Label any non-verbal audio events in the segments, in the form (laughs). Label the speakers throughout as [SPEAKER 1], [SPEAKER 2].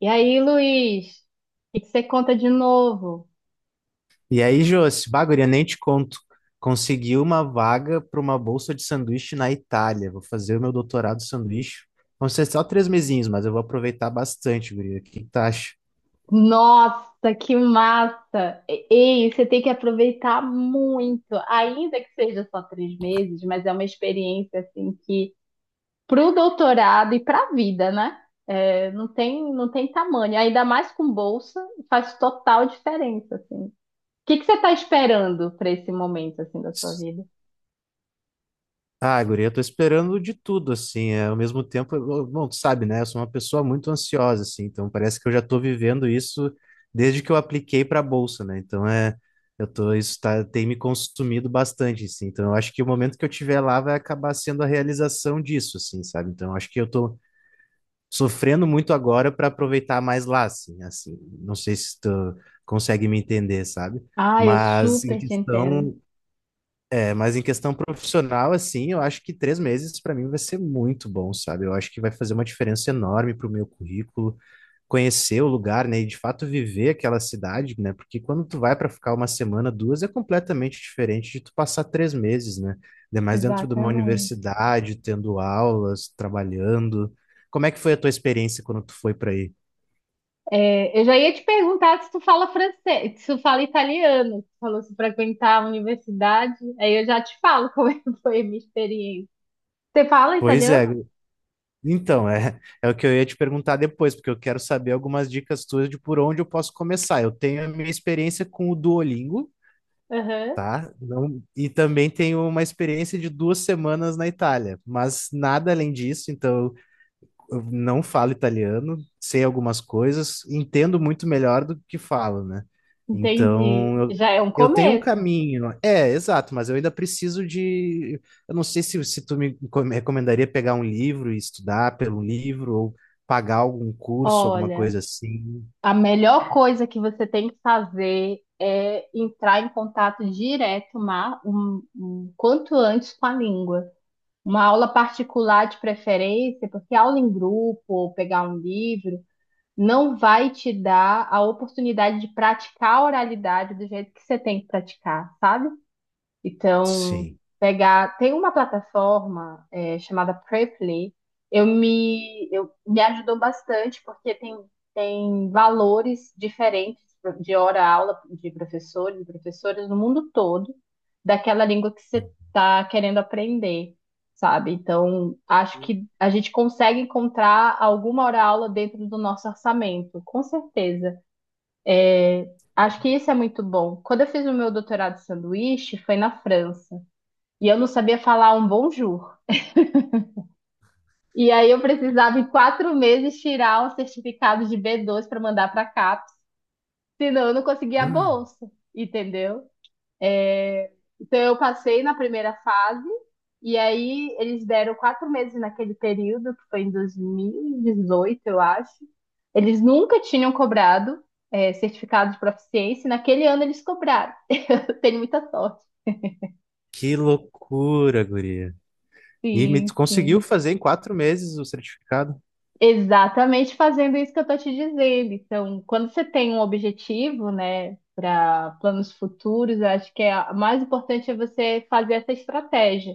[SPEAKER 1] E aí, Luiz, o que que você conta de novo?
[SPEAKER 2] E aí, Josi, bagulho, nem te conto. Consegui uma vaga para uma bolsa de sanduíche na Itália. Vou fazer o meu doutorado de sanduíche. Vão ser só 3 mesinhos, mas eu vou aproveitar bastante, guria. O que que tu acha?
[SPEAKER 1] Nossa, que massa! Ei, você tem que aproveitar muito, ainda que seja só 3 meses, mas é uma experiência assim que para o doutorado e para a vida, né? É, não tem, não tem tamanho. Ainda mais com bolsa, faz total diferença, assim. O que que você está esperando para esse momento assim da sua vida?
[SPEAKER 2] Ah, guria, eu tô esperando de tudo, assim, é, ao mesmo tempo, bom, tu sabe, né, eu sou uma pessoa muito ansiosa, assim, então parece que eu já tô vivendo isso desde que eu apliquei pra bolsa, né, então é, isso tá, tem me consumido bastante, assim, então eu acho que o momento que eu tiver lá vai acabar sendo a realização disso, assim, sabe, então eu acho que eu tô sofrendo muito agora pra aproveitar mais lá, assim, assim, não sei se tu consegue me entender, sabe,
[SPEAKER 1] Ah, eu
[SPEAKER 2] mas em
[SPEAKER 1] super te entendo.
[SPEAKER 2] questão... É, mas em questão profissional, assim, eu acho que 3 meses para mim vai ser muito bom, sabe? Eu acho que vai fazer uma diferença enorme para o meu currículo, conhecer o lugar, né? E de fato viver aquela cidade, né? Porque quando tu vai para ficar uma semana, duas, é completamente diferente de tu passar 3 meses, né? Ainda mais dentro de uma
[SPEAKER 1] Exatamente.
[SPEAKER 2] universidade, tendo aulas, trabalhando. Como é que foi a tua experiência quando tu foi para aí?
[SPEAKER 1] É, eu já ia te perguntar se tu fala francês, se tu fala italiano, tu falou se frequentar a universidade, aí eu já te falo (laughs) como é que foi a minha experiência. Você fala
[SPEAKER 2] Pois
[SPEAKER 1] italiano?
[SPEAKER 2] é. Então, é o que eu ia te perguntar depois, porque eu quero saber algumas dicas tuas de por onde eu posso começar. Eu tenho a minha experiência com o Duolingo,
[SPEAKER 1] Aham,
[SPEAKER 2] tá? E também tenho uma experiência de 2 semanas na Itália, mas nada além disso. Então, eu não falo italiano, sei algumas coisas, entendo muito melhor do que falo, né?
[SPEAKER 1] entendi.
[SPEAKER 2] Então,
[SPEAKER 1] Já é um
[SPEAKER 2] eu tenho um
[SPEAKER 1] começo.
[SPEAKER 2] caminho. É, exato, mas eu ainda preciso de. Eu não sei se tu me recomendaria pegar um livro e estudar pelo livro, ou pagar algum curso, alguma
[SPEAKER 1] Olha,
[SPEAKER 2] coisa assim.
[SPEAKER 1] a melhor coisa que você tem que fazer é entrar em contato direto, quanto antes com a língua. Uma aula particular de preferência, porque aula em grupo, ou pegar um livro não vai te dar a oportunidade de praticar a oralidade do jeito que você tem que praticar, sabe? Então,
[SPEAKER 2] Sim.
[SPEAKER 1] pegar. Tem uma plataforma chamada Preply. Eu me ajudou bastante porque tem valores diferentes de hora-aula de professores e professoras no mundo todo daquela língua que você está querendo aprender, sabe? Então, acho que a gente consegue encontrar alguma hora-aula dentro do nosso orçamento, com certeza. Acho que isso é muito bom. Quando eu fiz o meu doutorado de sanduíche, foi na França e eu não sabia falar um bonjour. E aí eu precisava em 4 meses tirar um certificado de B2 para mandar para a CAPES, senão eu não conseguia a
[SPEAKER 2] Hum.
[SPEAKER 1] bolsa, entendeu? É, então eu passei na primeira fase e aí eles deram 4 meses naquele período, que foi em 2018, eu acho. Eles nunca tinham cobrado certificado de proficiência, e naquele ano eles cobraram. Eu tenho muita sorte.
[SPEAKER 2] Que loucura, guria. E me
[SPEAKER 1] Sim,
[SPEAKER 2] tu conseguiu
[SPEAKER 1] sim.
[SPEAKER 2] fazer em 4 meses o certificado?
[SPEAKER 1] Exatamente fazendo isso que eu estou te dizendo. Então, quando você tem um objetivo, né, para planos futuros, eu acho que é mais importante é você fazer essa estratégia.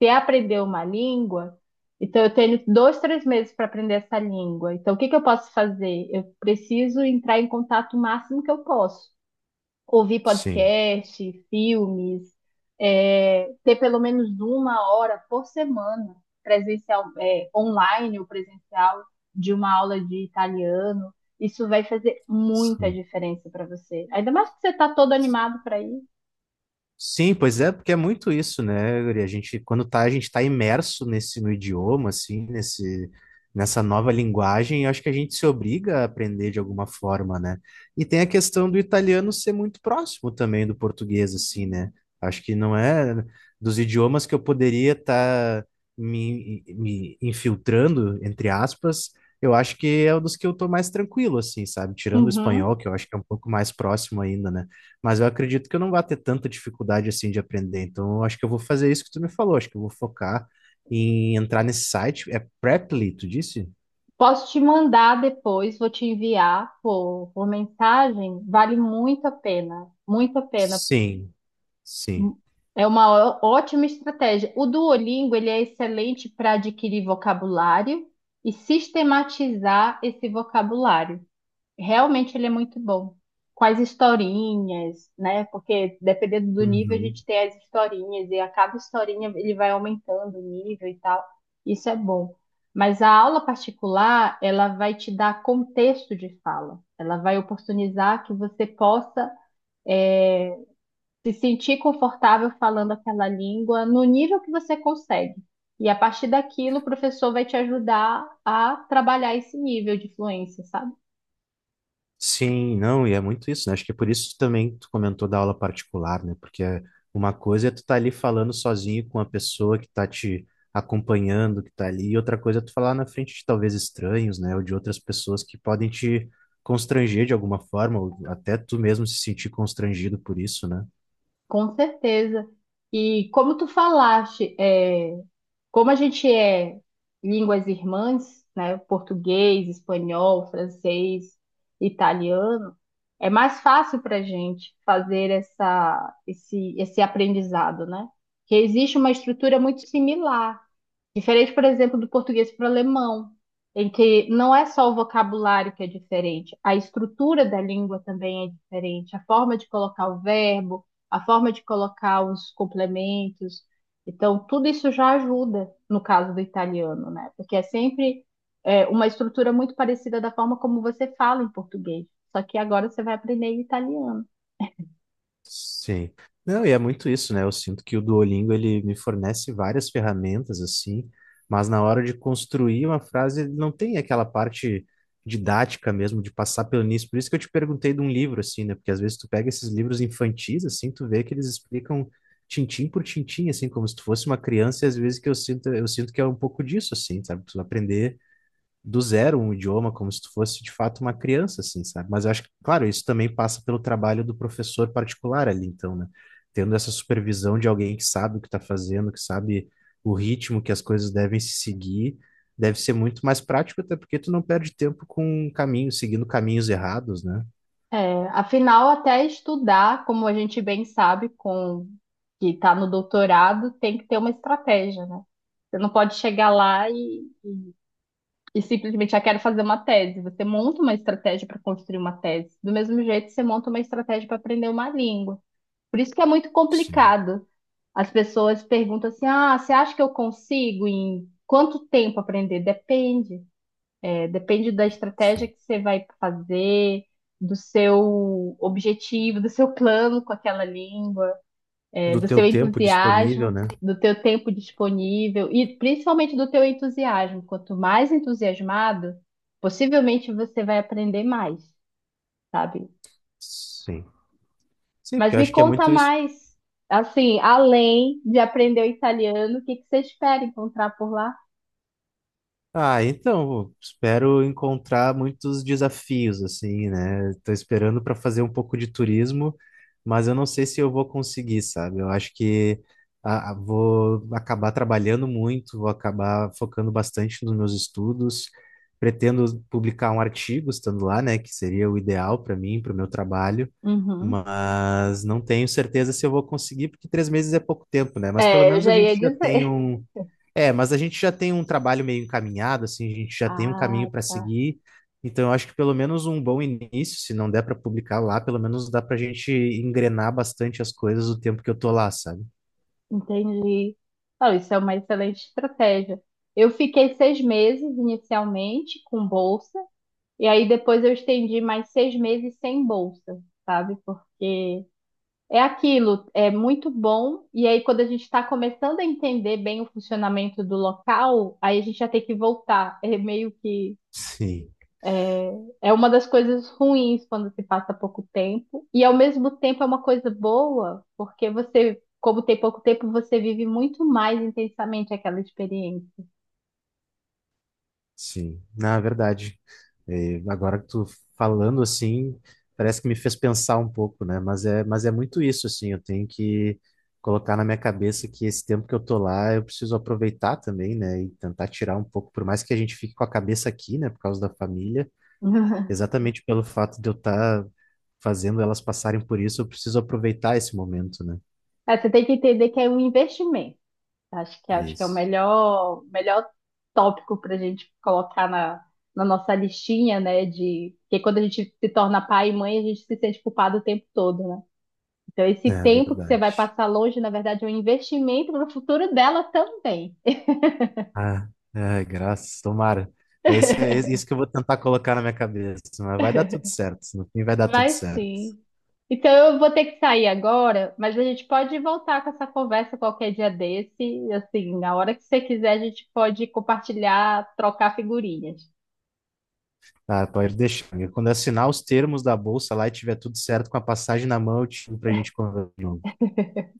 [SPEAKER 1] Você aprender uma língua, então eu tenho 2, 3 meses para aprender essa língua. Então, o que que eu posso fazer? Eu preciso entrar em contato o máximo que eu posso ouvir
[SPEAKER 2] Sim,
[SPEAKER 1] podcast, filmes, ter pelo menos uma hora por semana presencial, online ou presencial de uma aula de italiano. Isso vai fazer muita
[SPEAKER 2] sim.
[SPEAKER 1] diferença para você. Ainda mais que você está todo animado para ir.
[SPEAKER 2] Sim, pois é, porque é muito isso, né, Guri? A gente, quando tá, a gente tá imerso nesse no idioma, assim, nessa nova linguagem, eu acho que a gente se obriga a aprender de alguma forma, né? E tem a questão do italiano ser muito próximo também do português, assim, né? Acho que não é dos idiomas que eu poderia estar me infiltrando, entre aspas, eu acho que é um dos que eu tô mais tranquilo, assim, sabe? Tirando o espanhol,
[SPEAKER 1] Uhum.
[SPEAKER 2] que eu acho que é um pouco mais próximo ainda, né? Mas eu acredito que eu não vá ter tanta dificuldade assim de aprender. Então, eu acho que eu vou fazer isso que tu me falou. Acho que eu vou focar em entrar nesse site. É Preply, tu disse?
[SPEAKER 1] Posso te mandar depois, vou te enviar por mensagem. Vale muito a pena, muito a pena.
[SPEAKER 2] Sim, sim.
[SPEAKER 1] É uma ótima estratégia. O Duolingo, ele é excelente para adquirir vocabulário e sistematizar esse vocabulário. Realmente ele é muito bom. Com as historinhas, né? Porque dependendo do nível, a
[SPEAKER 2] Uhum.
[SPEAKER 1] gente tem as historinhas e a cada historinha ele vai aumentando o nível e tal. Isso é bom. Mas a aula particular, ela vai te dar contexto de fala. Ela vai oportunizar que você possa se sentir confortável falando aquela língua no nível que você consegue. E a partir daquilo, o professor vai te ajudar a trabalhar esse nível de fluência, sabe?
[SPEAKER 2] Sim, não, e é muito isso, né? Acho que é por isso também que tu comentou da aula particular, né? Porque é uma coisa é tu tá ali falando sozinho com a pessoa que tá te acompanhando, que tá ali, e outra coisa é tu falar na frente de talvez estranhos, né? Ou de outras pessoas que podem te constranger de alguma forma, ou até tu mesmo se sentir constrangido por isso, né?
[SPEAKER 1] Com certeza. E como tu falaste, como a gente é línguas irmãs, né? Português, espanhol, francês, italiano, é mais fácil para a gente fazer esse aprendizado, né? Que existe uma estrutura muito similar. Diferente, por exemplo, do português para o alemão, em que não é só o vocabulário que é diferente, a estrutura da língua também é diferente, a forma de colocar o verbo, a forma de colocar os complementos. Então, tudo isso já ajuda no caso do italiano, né? Porque é sempre uma estrutura muito parecida da forma como você fala em português, só que agora você vai aprender em italiano.
[SPEAKER 2] Sim. Não, e é muito isso, né? Eu sinto que o Duolingo ele me fornece várias ferramentas assim, mas na hora de construir uma frase ele não tem aquela parte didática mesmo de passar pelo início. Por isso que eu te perguntei de um livro assim, né? Porque às vezes tu pega esses livros infantis assim, tu vê que eles explicam tintim por tintim assim, como se tu fosse uma criança, e às vezes eu sinto que é um pouco disso assim, sabe? Tu aprender do zero um idioma, como se tu fosse de fato uma criança, assim, sabe? Mas eu acho que, claro, isso também passa pelo trabalho do professor particular ali, então, né? Tendo essa supervisão de alguém que sabe o que está fazendo, que sabe o ritmo que as coisas devem se seguir, deve ser muito mais prático, até porque tu não perde tempo com caminhos, seguindo caminhos errados, né?
[SPEAKER 1] É, afinal, até estudar, como a gente bem sabe, com que está no doutorado, tem que ter uma estratégia, né? Você não pode chegar lá e simplesmente, já quero fazer uma tese. Você monta uma estratégia para construir uma tese. Do mesmo jeito, você monta uma estratégia para aprender uma língua. Por isso que é muito
[SPEAKER 2] Sim,
[SPEAKER 1] complicado. As pessoas perguntam assim: ah, você acha que eu consigo em quanto tempo aprender? Depende. É, depende da estratégia
[SPEAKER 2] sim.
[SPEAKER 1] que você vai fazer, do seu objetivo, do seu plano com aquela língua,
[SPEAKER 2] Do
[SPEAKER 1] do
[SPEAKER 2] teu
[SPEAKER 1] seu
[SPEAKER 2] tempo disponível,
[SPEAKER 1] entusiasmo,
[SPEAKER 2] né?
[SPEAKER 1] do teu tempo disponível e principalmente do teu entusiasmo. Quanto mais entusiasmado, possivelmente você vai aprender mais, sabe?
[SPEAKER 2] Sim. Sim,
[SPEAKER 1] Mas
[SPEAKER 2] porque eu
[SPEAKER 1] me
[SPEAKER 2] acho que é
[SPEAKER 1] conta
[SPEAKER 2] muito isso.
[SPEAKER 1] mais, assim, além de aprender o italiano, o que que você espera encontrar por lá?
[SPEAKER 2] Ah, então, espero encontrar muitos desafios, assim, né? Estou esperando para fazer um pouco de turismo, mas eu não sei se eu vou conseguir, sabe? Eu acho que ah, ah, vou acabar trabalhando muito, vou acabar focando bastante nos meus estudos. Pretendo publicar um artigo estando lá, né? Que seria o ideal para mim, para o meu trabalho,
[SPEAKER 1] Uhum.
[SPEAKER 2] mas não tenho certeza se eu vou conseguir, porque 3 meses é pouco tempo, né? Mas pelo
[SPEAKER 1] É, eu
[SPEAKER 2] menos a
[SPEAKER 1] já
[SPEAKER 2] gente
[SPEAKER 1] ia
[SPEAKER 2] já tem
[SPEAKER 1] dizer. (laughs)
[SPEAKER 2] um. É, mas a gente já tem um trabalho meio encaminhado, assim, a gente já tem um
[SPEAKER 1] Ah,
[SPEAKER 2] caminho para
[SPEAKER 1] tá.
[SPEAKER 2] seguir. Então, eu acho que pelo menos um bom início, se não der para publicar lá, pelo menos dá para a gente engrenar bastante as coisas o tempo que eu tô lá, sabe?
[SPEAKER 1] Entendi. Ah, isso é uma excelente estratégia. Eu fiquei 6 meses inicialmente com bolsa, e aí depois eu estendi mais 6 meses sem bolsa, sabe? Porque é aquilo, é muito bom, e aí quando a gente está começando a entender bem o funcionamento do local, aí a gente já tem que voltar. É meio que
[SPEAKER 2] Sim,
[SPEAKER 1] é uma das coisas ruins quando se passa pouco tempo, e ao mesmo tempo é uma coisa boa, porque você, como tem pouco tempo, você vive muito mais intensamente aquela experiência.
[SPEAKER 2] sim. Na verdade, é, agora que tu falando assim, parece que me fez pensar um pouco, né? Mas é muito isso, assim, eu tenho que colocar na minha cabeça que esse tempo que eu tô lá, eu preciso aproveitar também, né? E tentar tirar um pouco, por mais que a gente fique com a cabeça aqui, né, por causa da família.
[SPEAKER 1] (laughs)
[SPEAKER 2] Exatamente pelo fato de eu estar fazendo elas passarem por isso, eu preciso aproveitar esse momento, né?
[SPEAKER 1] É, você tem que entender que é um investimento. Acho que é o
[SPEAKER 2] Isso.
[SPEAKER 1] melhor, melhor tópico para a gente colocar na nossa listinha, né? De que quando a gente se torna pai e mãe, a gente se sente culpado o tempo todo, né? Então, esse
[SPEAKER 2] É
[SPEAKER 1] tempo que você vai
[SPEAKER 2] verdade.
[SPEAKER 1] passar longe, na verdade, é um investimento para o futuro dela também.
[SPEAKER 2] Ah, é, graças, tomara. É isso que eu vou tentar colocar na minha cabeça, mas vai dar tudo certo. No fim vai dar tudo
[SPEAKER 1] Vai
[SPEAKER 2] certo.
[SPEAKER 1] sim. Então eu vou ter que sair agora, mas a gente pode voltar com essa conversa qualquer dia desse. Assim, na hora que você quiser, a gente pode compartilhar, trocar figurinhas.
[SPEAKER 2] Ah, pode deixar, amigo. Quando eu assinar os termos da bolsa lá e tiver tudo certo com a passagem na mão, eu te chamo pra gente conversar de novo.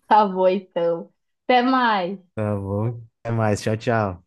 [SPEAKER 1] Tá bom, então. Até mais.
[SPEAKER 2] Tá bom? Até mais. Tchau, tchau.